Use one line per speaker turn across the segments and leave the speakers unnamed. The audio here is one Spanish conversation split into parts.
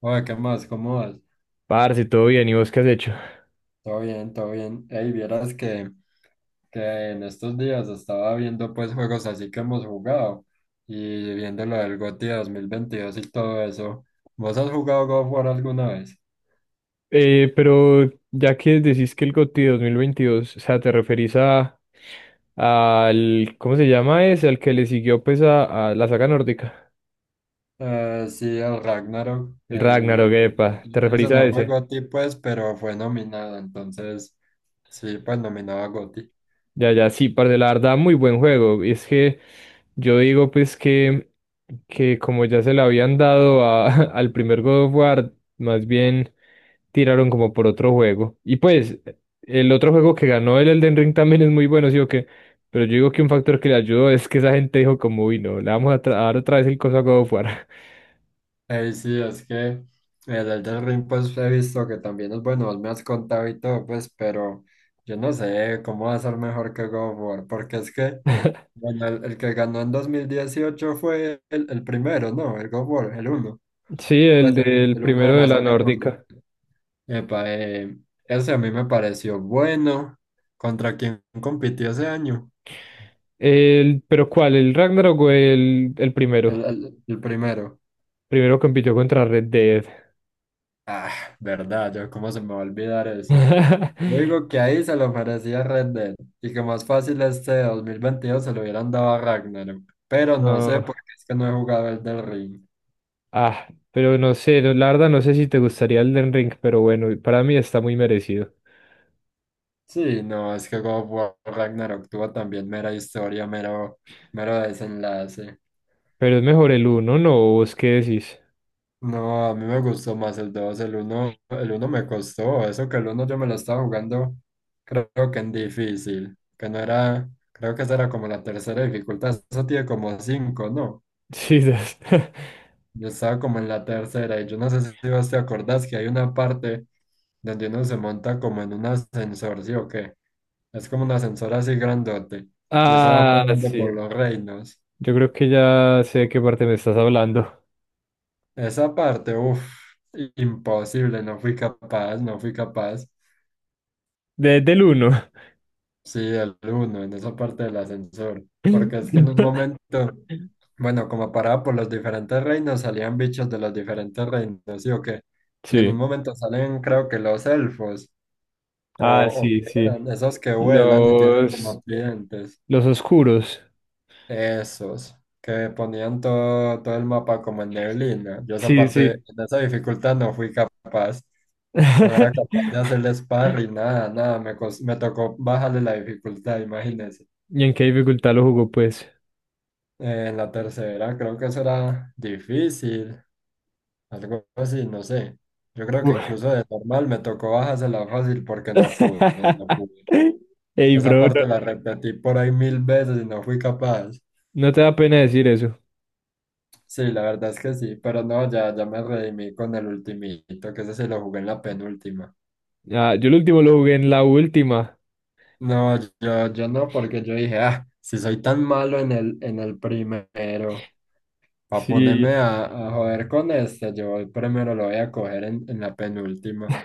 Oye, ¿qué más? ¿Cómo vas?
Parce, todo bien, ¿y vos qué has hecho?
Todo bien, todo bien. Ey, vieras que en estos días estaba viendo pues juegos así que hemos jugado y viendo lo del GOTY 2022 y todo eso. ¿Vos has jugado God of War alguna vez?
Pero ya que decís que el GOTY 2022, o sea, te referís a al, ¿cómo se llama ese? Al que le siguió pues a la saga nórdica.
Sí, el Ragnarok,
El Ragnarok,
el...
epa, ¿te referís
Ese
a
no fue
ese?
GOTY pues, pero fue nominado, entonces sí, pues nominado a GOTY.
Ya, sí, parce, la verdad, muy buen juego. Y es que yo digo, pues, que como ya se le habían dado al primer God of War, más bien tiraron como por otro juego. Y pues, el otro juego que ganó, el Elden Ring, también es muy bueno, ¿sí o qué? Pero yo digo que un factor que le ayudó es que esa gente dijo, como, uy, no, le vamos a, a dar otra vez el coso a God of War.
Ey, sí, es que el Elden Ring, pues he visto que también es bueno, vos me has contado y todo, pues, pero yo no sé cómo va a ser mejor que God of War, porque es que, bueno, el que ganó en 2018 fue el primero, ¿no? El God of War, el uno,
Sí, el
pues,
del
el uno de
primero de
la
la
saga nórdica.
nórdica.
Epa, ese a mí me pareció bueno. ¿Contra quién compitió ese año?
El, pero ¿cuál? ¿El Ragnarok o el
El,
primero?
el, el primero.
Primero compitió contra Red Dead.
Ah, verdad, yo cómo se me va a olvidar eso. Yo digo que ahí se lo merecía Red Dead y que más fácil este 2022 se lo hubieran dado a Ragnarok. Pero no sé
No,
por qué es que no he jugado el del Ring.
pero no sé, la verdad no sé si te gustaría el Den Ring, pero bueno, para mí está muy merecido.
Sí, no, es que God of War Ragnarok tuvo también mera historia, mero desenlace.
Pero es mejor el uno, ¿no? ¿Vos qué decís?
No, a mí me gustó más el dos. El uno, me costó, eso que el uno yo me lo estaba jugando, creo que en difícil, que no era, creo que esa era como la tercera dificultad, eso tiene como cinco, ¿no?
Sí,
Yo estaba como en la tercera y yo no sé si vos te acordás que hay una parte donde uno se monta como en un ascensor, ¿sí o qué? Es como un ascensor así grandote y eso va
Ah,
parando por
sí.
los reinos.
Yo creo que ya sé de qué parte me estás hablando.
Esa parte, uff, imposible, no fui capaz, no fui capaz.
De- del uno.
Sí, el uno, en esa parte del ascensor. Porque es que en un momento, bueno, como paraba por los diferentes reinos, salían bichos de los diferentes reinos, ¿sí o qué? Y en un
Sí.
momento salen, creo que los elfos, o,
Ah,
o qué
sí, sí.
eran, esos que vuelan y tienen
Los,
como clientes,
los oscuros.
esos, que ponían todo el mapa como en neblina. Yo esa
Sí,
parte,
sí.
en esa dificultad no fui capaz, no era capaz de hacerle sparring, nada, nada, me tocó bajarle la dificultad, imagínense.
¿Y en qué dificultad lo jugó, pues?
En la tercera creo que eso era difícil, algo así, no sé. Yo creo que incluso de normal me tocó bajársela fácil porque no pude, no pude.
Ey,
Esa
bro,
parte la
no,
repetí por ahí mil veces y no fui capaz.
no te da pena decir eso.
Sí, la verdad es que sí, pero no, ya me redimí con el ultimito, que ese se lo jugué en la penúltima.
Ah, yo el último lo jugué en la última.
No, yo no, porque yo dije, ah, si soy tan malo en el primero, para ponerme
Sí,
a, joder con este, yo el primero lo voy a coger en, la penúltima.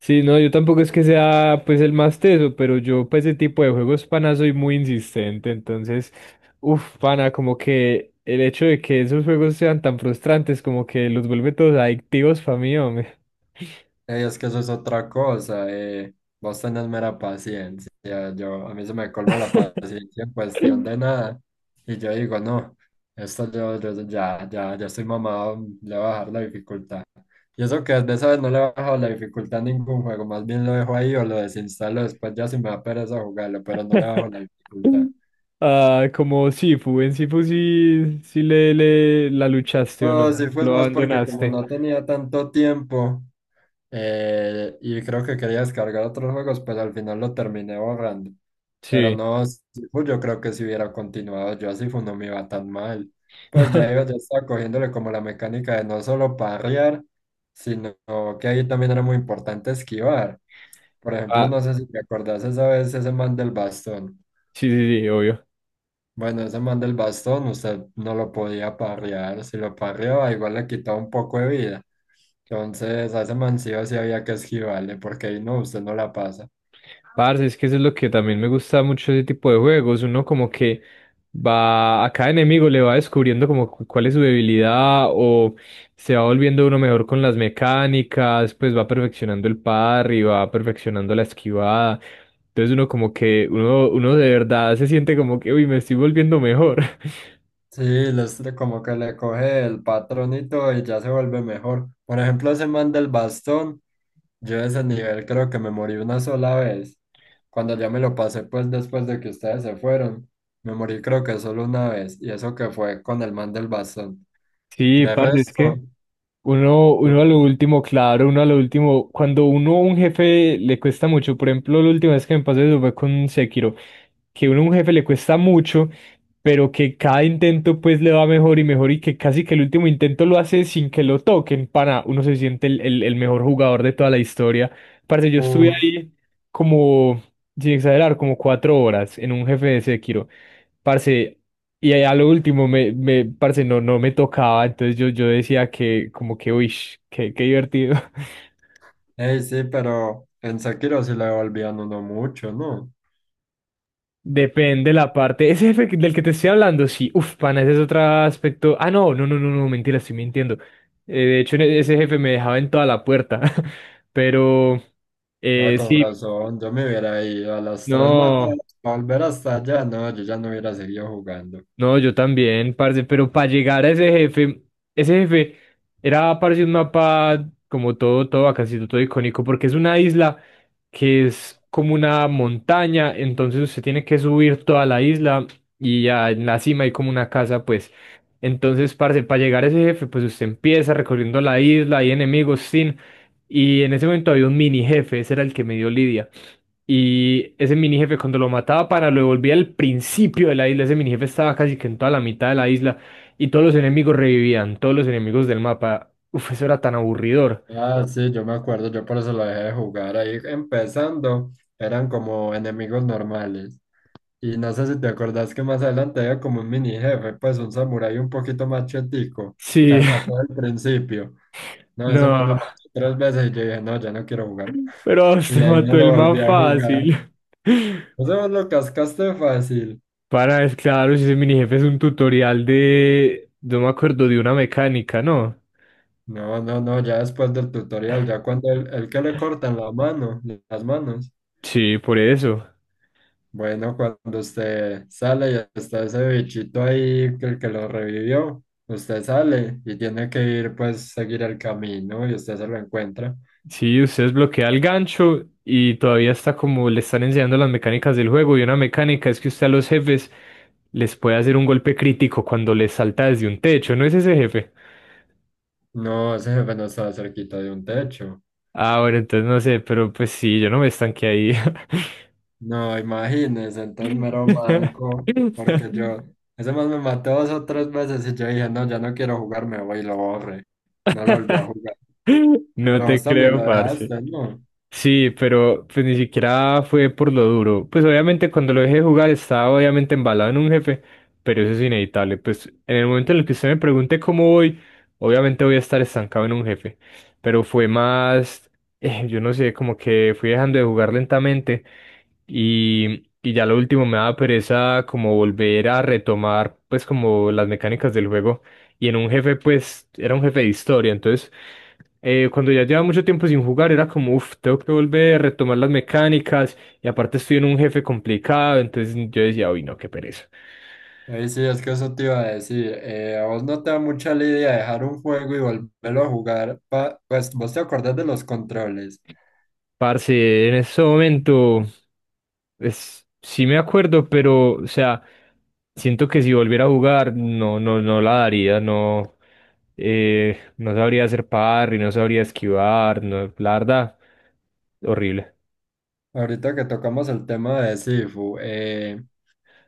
sí, no, yo tampoco es que sea pues el más teso, pero yo para ese tipo de juegos, pana, soy muy insistente. Entonces, uff, pana, como que el hecho de que esos juegos sean tan frustrantes, como que los vuelve todos adictivos para mí, hombre.
Ey, es que eso es otra cosa, eh. Vos tenés mera paciencia. Yo, a mí se me colma la paciencia en cuestión de nada. Y yo digo, no, esto yo ya estoy mamado, le voy a bajar la dificultad. Y eso que de esa vez no le he bajado la dificultad a ningún juego, más bien lo dejo ahí o lo desinstalo después ya si me da pereza jugarlo, pero no le bajo la dificultad.
Ah, como Sifu, en Sifu sí, le la luchaste o no,
No, sí fue
lo
más porque como
abandonaste.
no tenía tanto tiempo. Y creo que quería descargar otros juegos, pues al final lo terminé borrando. Pero
Sí.
no, Sifu, yo creo que si hubiera continuado yo a Sifu no me iba tan mal. Pues ya iba, ya estaba cogiéndole como la mecánica de no solo parrear, sino que ahí también era muy importante esquivar. Por ejemplo,
Ah,
no sé si te acordás esa vez ese man del bastón.
sí, sí, sí, obvio.
Bueno, ese man del bastón, usted no lo podía parrear. Si lo parreaba, igual le quitaba un poco de vida. Entonces, a ese man sí o sí había que esquivarle, porque ahí no, usted no la pasa.
Parce, es que eso es lo que también me gusta mucho ese tipo de juegos. Uno como que va, a cada enemigo le va descubriendo como cuál es su debilidad o se va volviendo uno mejor con las mecánicas, pues va perfeccionando el parry, va perfeccionando la esquivada. Entonces uno como que, uno de verdad se siente como que, uy, me estoy volviendo mejor.
Sí, les, como que le coge el patronito y ya se vuelve mejor. Por ejemplo, ese man del bastón, yo de ese nivel creo que me morí una sola vez. Cuando ya me lo pasé, pues después de que ustedes se fueron, me morí creo que solo una vez, y eso que fue con el man del bastón.
Sí,
De
parce, es que
resto,
uno a
yo-
lo último, claro, uno a lo último, cuando uno a un jefe le cuesta mucho, por ejemplo, la última vez que me pasó eso fue con Sekiro, que uno a un jefe le cuesta mucho, pero que cada intento pues le va mejor y mejor y que casi que el último intento lo hace sin que lo toquen, para uno se siente el mejor jugador de toda la historia. Parce, yo estuve
uf.
ahí como, sin exagerar, como 4 horas en un jefe de Sekiro. Parce, y a lo último parce, no, no me tocaba, entonces yo decía que como que, uy, qué divertido.
Ey, sí, pero en Sekiro sí le volvían uno mucho, ¿no?
Depende la parte. Ese jefe del que te estoy hablando, sí, uf, pana, ese es otro aspecto. Ah, no, no, no, no, no, mentira, estoy mintiendo. De hecho, en ese jefe me dejaba en toda la puerta. Pero,
Ah, con
sí,
razón, yo me hubiera ido a las tres matadas,
no.
volver hasta allá, no, yo ya no hubiera seguido jugando.
No, yo también, parce, pero para llegar a ese jefe era, parce, un mapa como todo, casi todo icónico, porque es una isla que es como una montaña, entonces usted tiene que subir toda la isla y ya en la cima hay como una casa, pues. Entonces, parce, para llegar a ese jefe, pues usted empieza recorriendo la isla, hay enemigos, sin, y en ese momento había un mini jefe, ese era el que me dio Lidia. Y ese mini jefe cuando lo mataba para lo devolvía al principio de la isla, ese mini jefe estaba casi que en toda la mitad de la isla y todos los enemigos revivían, todos los enemigos del mapa. Uf, eso era tan aburridor.
Ah, sí, yo me acuerdo, yo por eso lo dejé de jugar ahí empezando, eran como enemigos normales. Y no sé si te acordás que más adelante había como un mini jefe, pues un samurái un poquito más chetico,
Sí,
a todo el principio. No, ese más
no,
me mató tres veces y yo dije, no, ya no quiero jugar.
pero usted
Y ahí no
mató
lo
el
volví
más
a jugar.
fácil.
Eso vos lo cascaste fácil.
Para, es claro, si ese mini jefe es un tutorial de, no me acuerdo, de una mecánica, ¿no?
No, no, no, ya después del tutorial, ya cuando el que le cortan la mano, las manos.
Sí, por eso.
Bueno, cuando usted sale y está ese bichito ahí, que el que lo revivió, usted sale y tiene que ir, pues, seguir el camino y usted se lo encuentra.
Sí, usted desbloquea el gancho y todavía está como le están enseñando las mecánicas del juego. Y una mecánica es que usted a los jefes les puede hacer un golpe crítico cuando les salta desde un techo, ¿no es ese jefe?
No, ese jefe no estaba cerquita de un techo.
Ah, bueno, entonces no sé, pero pues sí, yo no me estanqué ahí.
No, imagínese, entonces mero manco, porque yo, ese más me mató dos o tres veces y yo dije, no, ya no quiero jugar, me voy y lo borré. No lo volví a jugar.
No
Pero
te
vos también
creo,
lo
parce.
dejaste, ¿no?
Sí, pero pues ni siquiera fue por lo duro. Pues obviamente cuando lo dejé de jugar estaba obviamente embalado en un jefe, pero eso es inevitable. Pues en el momento en el que usted me pregunte cómo voy, obviamente voy a estar estancado en un jefe. Pero fue más, yo no sé, como que fui dejando de jugar lentamente y ya lo último me daba pereza como volver a retomar pues como las mecánicas del juego. Y en un jefe pues era un jefe de historia, entonces cuando ya llevaba mucho tiempo sin jugar, era como, uff, tengo que volver a retomar las mecánicas. Y aparte estoy en un jefe complicado, entonces yo decía, uy, no, qué pereza.
Ahí sí, es que eso te iba a decir. A vos no te da mucha lidia dejar un juego y volverlo a jugar. Pues vos te acordás de los controles.
Parce, en ese momento, es, sí me acuerdo, pero, o sea, siento que si volviera a jugar, no la daría, no, no sabría hacer parry, no sabría esquivar, no, la verdad, horrible.
Ahorita que tocamos el tema de Sifu,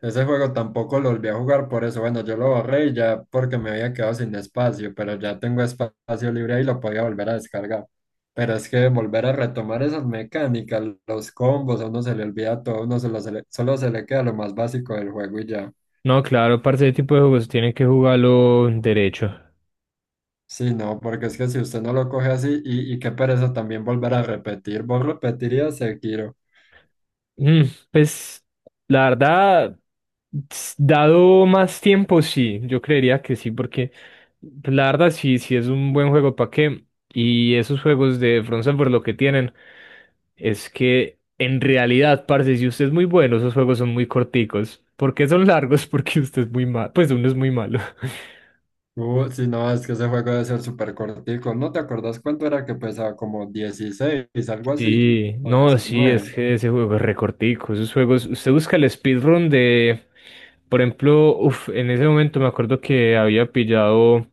ese juego tampoco lo volví a jugar por eso. Bueno, yo lo borré y ya porque me había quedado sin espacio, pero ya tengo espacio libre y lo podía volver a descargar. Pero es que volver a retomar esas mecánicas, los combos, a uno se le olvida todo, a uno se lo- se le- solo se le queda lo más básico del juego y ya.
No, claro, parce, ese tipo de juegos tienen que jugarlo derecho.
Sí, no, porque es que si usted no lo coge así, y qué pereza también volver a repetir, vos repetirías Sekiro.
Mm, pues la verdad, dado más tiempo, sí, yo creería que sí, porque pues, la verdad sí, sí es un buen juego para qué. Y esos juegos de Front Software lo que tienen es que en realidad, parce, si usted es muy bueno, esos juegos son muy corticos. ¿Por qué son largos? Porque usted es muy malo, pues uno es muy malo.
Si no, es que ese juego debe ser súper cortico. ¿No te acordás cuánto era que pesaba? Como 16, algo así,
Sí,
o
no, sí, es
19.
que ese juego es recortico, esos juegos, usted busca el speedrun de, por ejemplo, uf, en ese momento me acuerdo que había pillado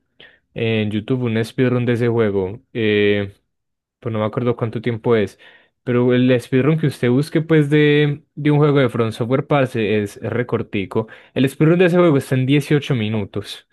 en YouTube un speedrun de ese juego. Pues no me acuerdo cuánto tiempo es. Pero el speedrun que usted busque, pues, de un juego de From Software, parce, es recortico. El speedrun de ese juego está en 18 minutos.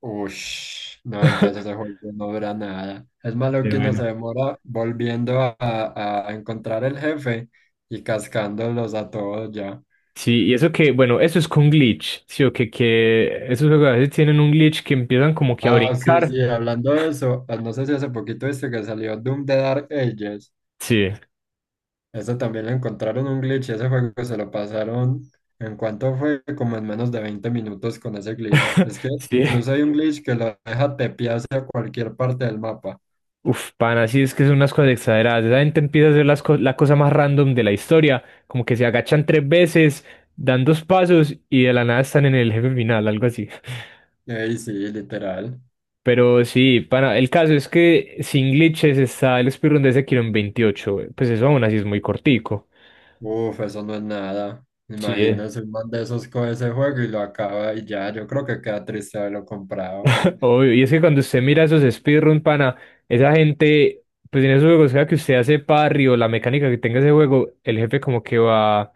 Ush, no, entonces ese juego no dura nada. Es malo
Pero
que uno se
bueno.
demora volviendo a encontrar el jefe y cascándolos a todos ya.
Sí, y eso que, bueno, eso es con glitch, ¿sí o que esos juegos a veces tienen un glitch que empiezan como que a
Ah, sí,
brincar.
sí, hablando de eso, ah, no sé si hace poquito viste que salió Doom de Dark Ages.
Sí,
Eso también le encontraron un glitch y ese juego se lo pasaron en cuanto fue como en menos de 20 minutos con ese glitch. Es que
sí.
incluso hay un glitch que lo deja tepear hacia cualquier parte del mapa.
Uf, pana. Sí es que son unas cosas exageradas. Esa gente empieza a hacer las la cosa más random de la historia, como que se agachan tres veces, dan dos pasos y de la nada están en el jefe final, algo así.
Ey, sí, literal.
Pero sí, pana, el caso es que sin glitches está el speedrun de ese kilo en 28. Pues eso aún así es muy cortico.
Uf, eso no es nada.
Sí, eh.
Imagínese un man de esos con ese juego y lo acaba y ya. Yo creo que queda triste haberlo comprado. Ja.
Obvio, y es que cuando usted mira esos speedrun, pana, esa gente, pues en esos juegos, sea que usted hace parry o la mecánica que tenga ese juego, el jefe como que va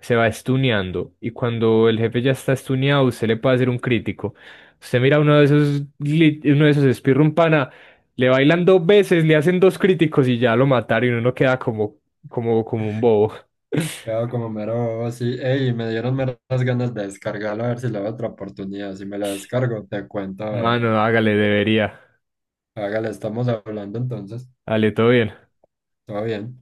se va estuneando y cuando el jefe ya está estuneado, usted le puede hacer un crítico. Usted mira uno de esos, uno de esos speedrun pana, le bailan dos veces, le hacen dos críticos y ya lo mataron y uno queda como, como un bobo.
Queda como mero bobo, sí. Ey, me dieron meras ganas de descargarlo a ver si le doy otra oportunidad. Si me lo descargo, te cuento, a ver.
Mano, hágale, debería.
Hágale, estamos hablando entonces.
Dale, todo bien.
Todo bien.